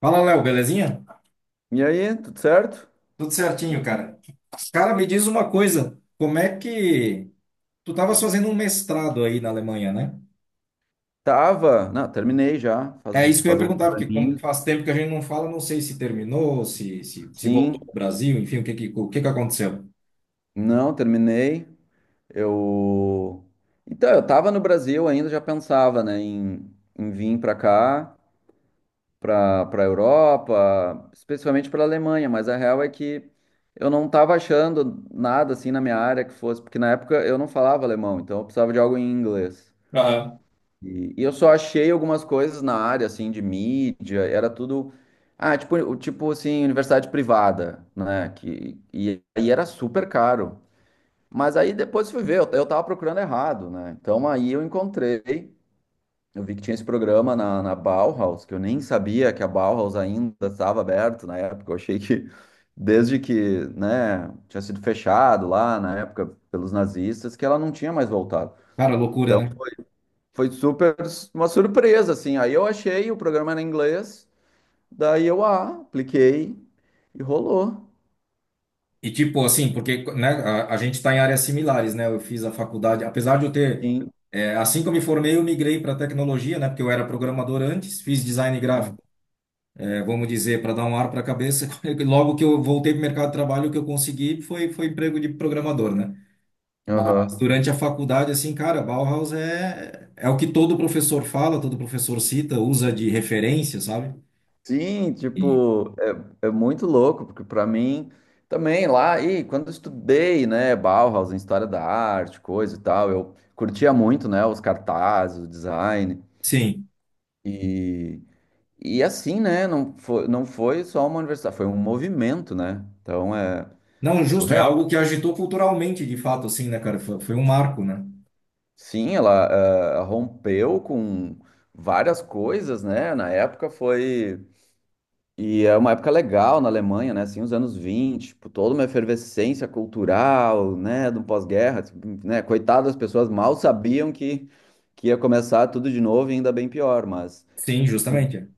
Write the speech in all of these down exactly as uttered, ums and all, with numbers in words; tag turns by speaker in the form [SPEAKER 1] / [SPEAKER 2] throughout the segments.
[SPEAKER 1] Fala, Léo, belezinha?
[SPEAKER 2] E aí, tudo certo?
[SPEAKER 1] Tudo certinho, cara. Cara, me diz uma coisa, como é que tu estavas fazendo um mestrado aí na Alemanha, né?
[SPEAKER 2] Tava. Não, terminei já,
[SPEAKER 1] É
[SPEAKER 2] faz,
[SPEAKER 1] isso que eu ia
[SPEAKER 2] faz alguns
[SPEAKER 1] perguntar, porque como
[SPEAKER 2] aninhos.
[SPEAKER 1] faz tempo que a gente não fala, não sei se terminou, se, se, se voltou
[SPEAKER 2] Sim,
[SPEAKER 1] pro Brasil, enfim, o que que, o que que aconteceu?
[SPEAKER 2] não, terminei. Eu. Então, eu tava no Brasil ainda, já pensava, né, em, em vir pra cá, pra, pra Europa, especialmente pela Alemanha, mas a real é que eu não tava achando nada assim na minha área que fosse, porque na época eu não falava alemão, então eu precisava de algo em inglês.
[SPEAKER 1] Aham.
[SPEAKER 2] E, e eu só achei algumas coisas na área, assim, de mídia, era tudo. Ah, tipo, o- tipo assim, universidade privada, né? Que, e aí era super caro. Mas aí depois fui ver, eu, eu tava procurando errado, né? Então aí eu encontrei, eu vi que tinha esse programa na, na Bauhaus, que eu nem sabia que a Bauhaus ainda estava aberto na época. Eu achei que desde que, né, tinha sido fechado lá na época pelos nazistas, que ela não tinha mais voltado.
[SPEAKER 1] Cara, loucura,
[SPEAKER 2] Então,
[SPEAKER 1] né?
[SPEAKER 2] foi super uma surpresa, assim. Aí eu achei, o programa era em inglês, daí eu ah, apliquei e rolou.
[SPEAKER 1] E tipo assim, porque né, a, a gente está em áreas similares, né? Eu fiz a faculdade, apesar de eu ter,
[SPEAKER 2] Sim.
[SPEAKER 1] é, assim que eu me formei, eu migrei para tecnologia, né? Porque eu era programador antes, fiz design gráfico. É, vamos dizer, para dar um ar para a cabeça, logo que eu voltei para o mercado de trabalho, o que eu consegui foi, foi emprego de programador, né? Mas
[SPEAKER 2] Aham.
[SPEAKER 1] durante a faculdade, assim, cara, Bauhaus é, é o que todo professor fala, todo professor cita, usa de referência, sabe?
[SPEAKER 2] Sim,
[SPEAKER 1] E,
[SPEAKER 2] tipo, é, é muito louco, porque para mim também lá, e quando eu estudei, né, Bauhaus em história da arte, coisa e tal, eu curtia muito, né, os cartazes, o design
[SPEAKER 1] sim.
[SPEAKER 2] e e assim, né, não foi, não foi só uma universidade, foi um movimento, né? Então é
[SPEAKER 1] Não,
[SPEAKER 2] é
[SPEAKER 1] justo, é
[SPEAKER 2] surreal.
[SPEAKER 1] algo que agitou culturalmente, de fato, assim, né, cara? Foi, foi um marco, né?
[SPEAKER 2] Sim, ela ah, rompeu com várias coisas, né? Na época foi. E é uma época legal na Alemanha, né? Assim, os anos vinte, tipo, toda uma efervescência cultural, né? Do pós-guerra, tipo, né? Coitado, as pessoas mal sabiam que, que ia começar tudo de novo e ainda bem pior, mas.
[SPEAKER 1] Sim,
[SPEAKER 2] en-
[SPEAKER 1] justamente.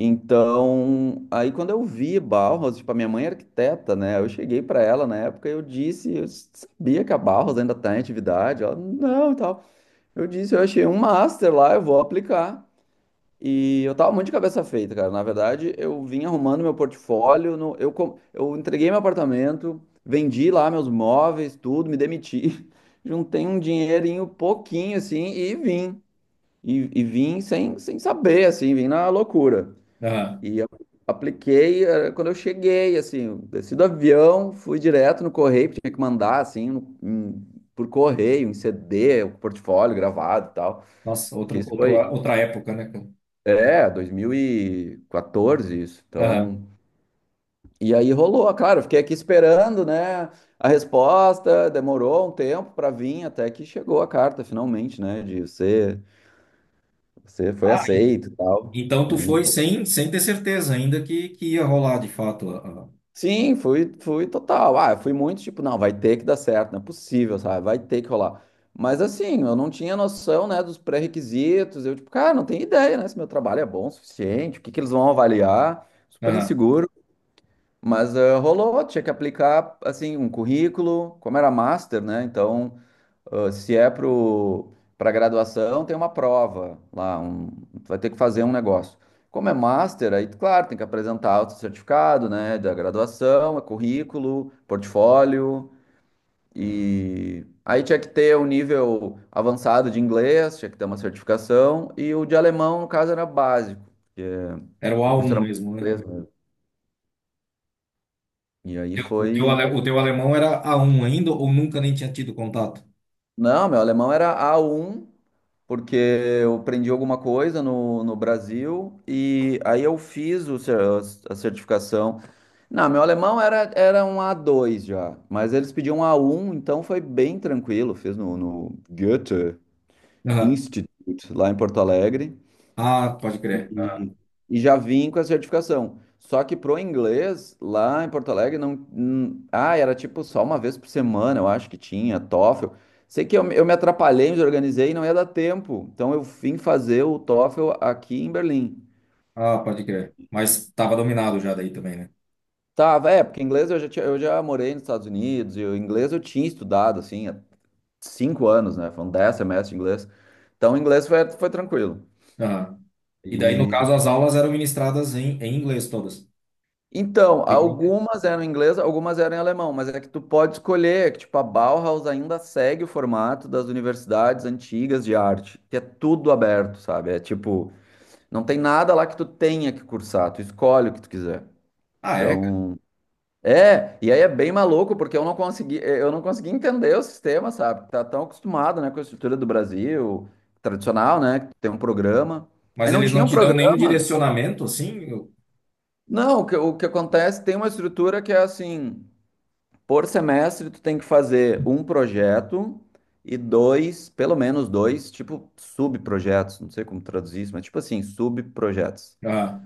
[SPEAKER 2] Então, aí quando eu vi Bauhaus, tipo, a minha mãe é arquiteta, né? Eu cheguei para ela na época e eu disse, eu sabia que a Bauhaus ainda tá em atividade. Ela, não, e tal. Eu disse, eu achei um master lá, eu vou aplicar. E eu tava muito de cabeça feita, cara. Na verdade, eu vim arrumando meu portfólio, no- eu, com- eu entreguei meu apartamento, vendi lá meus móveis, tudo, me demiti, juntei um dinheirinho pouquinho, assim, e vim. E, e vim sem, sem saber, assim, vim na loucura.
[SPEAKER 1] Aham.
[SPEAKER 2] E eu apliquei, eh, quando eu cheguei, assim, eu desci do avião, fui direto no correio, porque tinha que mandar, assim, no- em- por correio, em C D, o portfólio gravado e tal.
[SPEAKER 1] Nossa,
[SPEAKER 2] Que
[SPEAKER 1] outro,
[SPEAKER 2] isso
[SPEAKER 1] outro,
[SPEAKER 2] foi,
[SPEAKER 1] outra época, né, cara?
[SPEAKER 2] é, dois mil e quatorze, isso.
[SPEAKER 1] Aham.
[SPEAKER 2] Então, e aí rolou, claro, eu fiquei aqui esperando, né, a resposta, demorou um tempo para vir, até que chegou a carta, finalmente, né, de você, você foi
[SPEAKER 1] Ah,
[SPEAKER 2] aceito e tal.
[SPEAKER 1] então tu
[SPEAKER 2] Aí
[SPEAKER 1] foi
[SPEAKER 2] foi.
[SPEAKER 1] sem, sem ter certeza ainda que, que ia rolar de fato. a- a-
[SPEAKER 2] Sim, fui, fui total. Ah, eu fui muito tipo, não, vai ter que dar certo, não é possível, sabe, vai ter que rolar. Mas assim, eu não tinha noção, né, dos pré-requisitos, eu tipo, cara, não tenho ideia, né, se meu trabalho é bom o suficiente, o que que eles vão avaliar, super
[SPEAKER 1] Aham.
[SPEAKER 2] inseguro. Mas ah, rolou, tinha que aplicar assim um currículo, como era master, né? Então, ah, se é pro para graduação, tem uma prova lá, um, tu vai ter que fazer um negócio. Como é master, aí claro, tem que apresentar o certificado, né, da graduação, é currículo, portfólio e aí tinha que ter um nível avançado de inglês, tinha que ter uma certificação e o de alemão, no caso, era básico, porque
[SPEAKER 1] Era o
[SPEAKER 2] o curso
[SPEAKER 1] A um
[SPEAKER 2] era mais
[SPEAKER 1] mesmo, né?
[SPEAKER 2] inglês mesmo. E aí
[SPEAKER 1] O teu,
[SPEAKER 2] foi.
[SPEAKER 1] ale- o teu alemão era A um ainda ou nunca nem tinha tido contato?
[SPEAKER 2] Não, meu alemão era a um porque eu aprendi alguma coisa no, no Brasil e aí eu fiz o cer- a certificação. Não, meu alemão era, era um a dois já, mas eles pediam a um, então foi bem tranquilo. Fiz no, no Goethe
[SPEAKER 1] Aham.
[SPEAKER 2] Institute, lá em Porto Alegre
[SPEAKER 1] Ah, pode crer.
[SPEAKER 2] e já vim com a certificação. Só que pro inglês, lá em Porto Alegre, não. hum, Ah, era tipo só uma vez por semana, eu acho que tinha, TOEFL. Sei que eu, me- eu me atrapalhei, me organizei e não ia dar tempo. Então eu vim fazer o TOEFL aqui em Berlim.
[SPEAKER 1] Ah, pode crer. Mas estava dominado já daí também, né?
[SPEAKER 2] Tava, é, porque inglês eu já, tinha- eu já morei nos Estados Unidos e o inglês eu tinha estudado, assim, há cinco anos, né? Foram dez semestres de inglês. Então o inglês foi, foi tranquilo.
[SPEAKER 1] Aham. E daí, no
[SPEAKER 2] E
[SPEAKER 1] caso, as aulas eram ministradas em, em inglês todas.
[SPEAKER 2] Então,
[SPEAKER 1] Digo, "Eita."
[SPEAKER 2] algumas eram em inglês, algumas eram em alemão, mas é que tu pode escolher, é que tipo, a Bauhaus ainda segue o formato das universidades antigas de arte, que é tudo aberto, sabe? É tipo, não tem nada lá que tu tenha que cursar, tu escolhe o que tu quiser.
[SPEAKER 1] Ah, é? Cara?
[SPEAKER 2] Então, é, e aí é bem maluco, porque eu não consegui, eh, eu não consegui entender o sistema, sabe? Tá tão acostumado, né, com a estrutura do Brasil, tradicional, né, que tem um programa.
[SPEAKER 1] Mas
[SPEAKER 2] Aí não
[SPEAKER 1] eles não
[SPEAKER 2] tinha um
[SPEAKER 1] te dão nenhum
[SPEAKER 2] programa.
[SPEAKER 1] direcionamento, assim? Eu-
[SPEAKER 2] Não, o que, o que acontece, tem uma estrutura que é assim, por semestre, tu tem que fazer um projeto e dois, pelo menos dois, tipo subprojetos, não sei como traduzir isso, mas tipo assim, subprojetos.
[SPEAKER 1] Ah,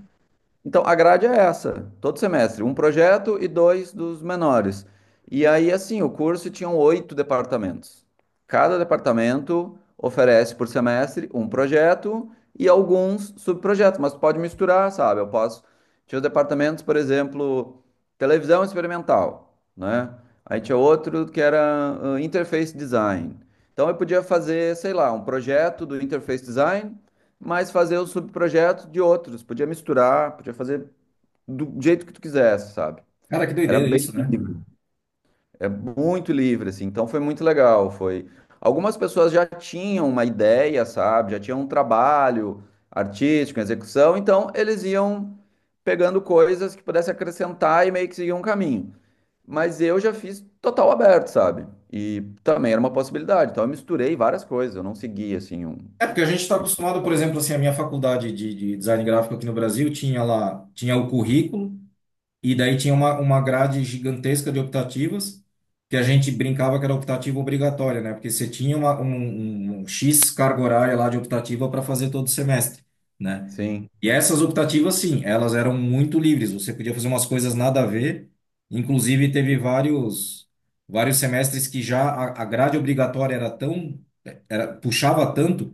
[SPEAKER 2] Então, a grade é essa, todo semestre, um projeto e dois dos menores. E aí, assim, o curso tinha oito departamentos. Cada departamento oferece por semestre um projeto e alguns subprojetos, mas pode misturar, sabe? Eu posso. Tinha os departamentos, por exemplo, televisão experimental, né? Aí tinha outro que era ah, interface design. Então, eu podia fazer, sei lá, um projeto do interface design mas fazer os subprojetos de outros. Podia misturar, podia fazer do jeito que tu quisesse, sabe?
[SPEAKER 1] cara, que
[SPEAKER 2] Era
[SPEAKER 1] doideira
[SPEAKER 2] bem
[SPEAKER 1] isso, né?
[SPEAKER 2] livre, é muito livre, assim. Então foi muito legal. Foi. Algumas pessoas já tinham uma ideia, sabe? Já tinham um trabalho artístico, em execução, então eles iam pegando coisas que pudesse acrescentar e meio que seguir um caminho. Mas eu já fiz total aberto, sabe? E também era uma possibilidade. Então eu misturei várias coisas, eu não segui assim um.
[SPEAKER 1] É porque a gente está acostumado, por exemplo, assim, a minha faculdade de, de design gráfico aqui no Brasil tinha lá, tinha o currículo, e daí tinha uma, uma grade gigantesca de optativas, que a gente brincava que era optativa obrigatória, né? Porque você tinha uma, um, um um X carga horária lá de optativa para fazer todo semestre, né?
[SPEAKER 2] Sim,
[SPEAKER 1] E essas optativas, sim, elas eram muito livres, você podia fazer umas coisas nada a ver, inclusive teve vários, vários semestres que já a, a grade obrigatória era tão, era, puxava tanto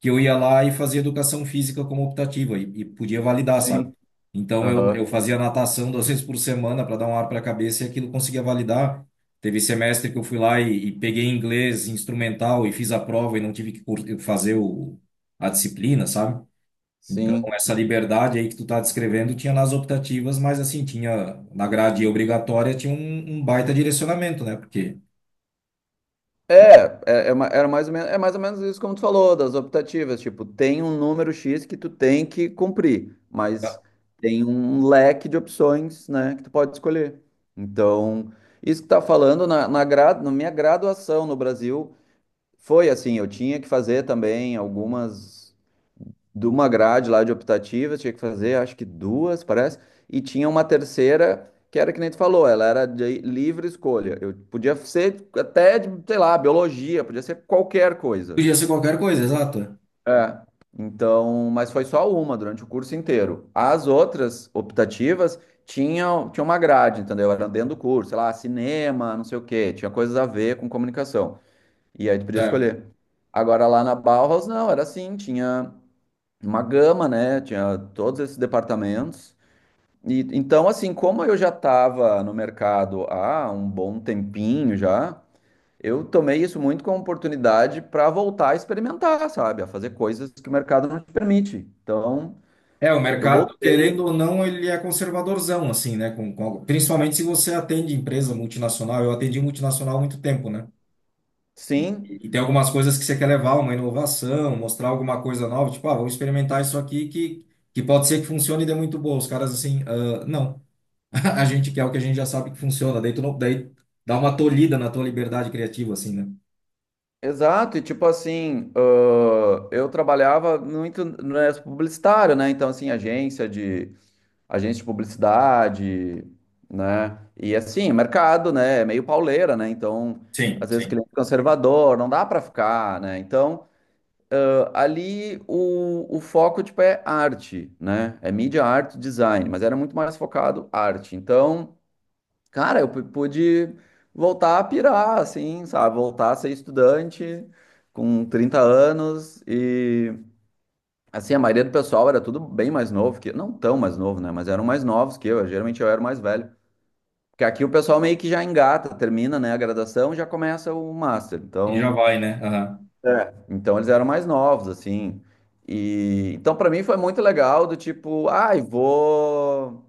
[SPEAKER 1] que eu ia lá e fazia educação física como optativa e, e podia validar, sabe?
[SPEAKER 2] sim,
[SPEAKER 1] Então eu, eu
[SPEAKER 2] aham,
[SPEAKER 1] fazia natação duas vezes por semana para dar um ar para a cabeça e aquilo conseguia validar. Teve semestre que eu fui lá e, e peguei inglês instrumental e fiz a prova e não tive que cur- fazer o, a disciplina, sabe? Então
[SPEAKER 2] sim.
[SPEAKER 1] essa liberdade aí que tu tá descrevendo tinha nas optativas, mas assim, tinha na grade obrigatória tinha um, um baita direcionamento, né? Porque
[SPEAKER 2] É, é, é ma- era mais ou menos, é mais ou menos isso como tu falou, das optativas, tipo, tem um número X que tu tem que cumprir, mas tem um leque de opções, né, que tu pode escolher. Então, isso que tá falando na, na, gra- na minha graduação no Brasil, foi assim, eu tinha que fazer também algumas de uma grade lá de optativas, tinha que fazer, acho que duas, parece, e tinha uma terceira que era que nem tu falou, ela era de livre escolha. Eu podia ser até, de, sei lá, biologia, podia ser qualquer coisa.
[SPEAKER 1] podia ser qualquer coisa, exato.
[SPEAKER 2] É. Então, mas foi só uma durante o curso inteiro. As outras optativas tinham, tinham uma grade, entendeu? Era dentro do curso, sei lá, cinema, não sei o quê, tinha coisas a ver com comunicação. E aí tu podia escolher. Agora lá na Bauhaus, não, era assim, tinha uma gama, né? Tinha todos esses departamentos. E então, assim, como eu já estava no mercado há um bom tempinho já, eu tomei isso muito como oportunidade para voltar a experimentar, sabe? A fazer coisas que o mercado não te permite. Então,
[SPEAKER 1] É, o
[SPEAKER 2] eu
[SPEAKER 1] mercado,
[SPEAKER 2] voltei,
[SPEAKER 1] querendo ou não, ele é conservadorzão, assim, né? Com, com- principalmente se você atende empresa multinacional. Eu atendi multinacional há muito tempo, né? E,
[SPEAKER 2] sim.
[SPEAKER 1] e tem algumas coisas que você quer levar, uma inovação, mostrar alguma coisa nova, tipo, ah, vamos experimentar isso aqui que, que pode ser que funcione e dê muito boa. Os caras, assim, ah, não. A gente quer o que a gente já sabe que funciona. Daí, tu não, daí dá uma tolhida na tua liberdade criativa, assim, né?
[SPEAKER 2] Exato, e tipo assim, ãh, eu trabalhava muito no publicitário, né? Então, assim, agência de, agência de publicidade, né? E assim, mercado, né? É meio pauleira, né? Então,
[SPEAKER 1] Sim,
[SPEAKER 2] às vezes,
[SPEAKER 1] sim.
[SPEAKER 2] cliente é conservador, não dá para ficar, né? Então, a- ali o, o, foco, tipo, é arte, né? É mídia, arte, design, mas era muito mais focado arte. Então, cara, eu pu- pude voltar a pirar, assim, sabe? Voltar a ser estudante com trinta anos e... Assim, a maioria do pessoal era tudo bem mais novo que eu, não tão mais novo, né? Mas eram mais novos que eu. Geralmente eu era o mais velho. Porque aqui o pessoal meio que já engata, termina, né, a graduação e já começa o master.
[SPEAKER 1] E já
[SPEAKER 2] Então,
[SPEAKER 1] vai, né? Aham.
[SPEAKER 2] é. Então eles eram mais novos, assim. E então para mim foi muito legal do tipo, ai, vou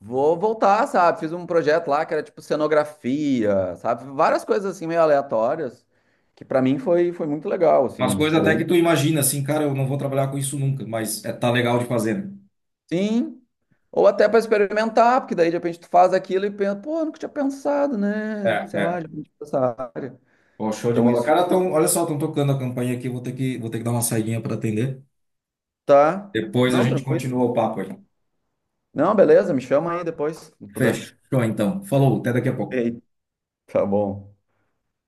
[SPEAKER 2] vou voltar, sabe? Fiz um projeto lá que era tipo cenografia, sabe? Várias coisas assim meio aleatórias, que para mim foi foi muito legal, assim,
[SPEAKER 1] Umas
[SPEAKER 2] eu
[SPEAKER 1] coisas até
[SPEAKER 2] misturei.
[SPEAKER 1] que tu imagina, assim, cara, eu não vou trabalhar com isso nunca, mas é, tá legal de fazer, né?
[SPEAKER 2] Sim. Ou até para experimentar, porque daí de repente tu faz aquilo e pensa, pô, nunca tinha pensado, né?
[SPEAKER 1] É,
[SPEAKER 2] Sei lá,
[SPEAKER 1] é.
[SPEAKER 2] já tinha pensado.
[SPEAKER 1] Pô, show de
[SPEAKER 2] Então
[SPEAKER 1] bola.
[SPEAKER 2] isso.
[SPEAKER 1] Cara, tão, olha só, estão tocando a campainha aqui, vou ter que, vou ter que dar uma saidinha para atender.
[SPEAKER 2] Tá.
[SPEAKER 1] Depois a
[SPEAKER 2] Não,
[SPEAKER 1] gente
[SPEAKER 2] tranquilo.
[SPEAKER 1] continua o papo aí.
[SPEAKER 2] Não, beleza, me chama aí depois, se puder.
[SPEAKER 1] Fechou, então. Falou, até daqui a pouco.
[SPEAKER 2] Ei, tá bom.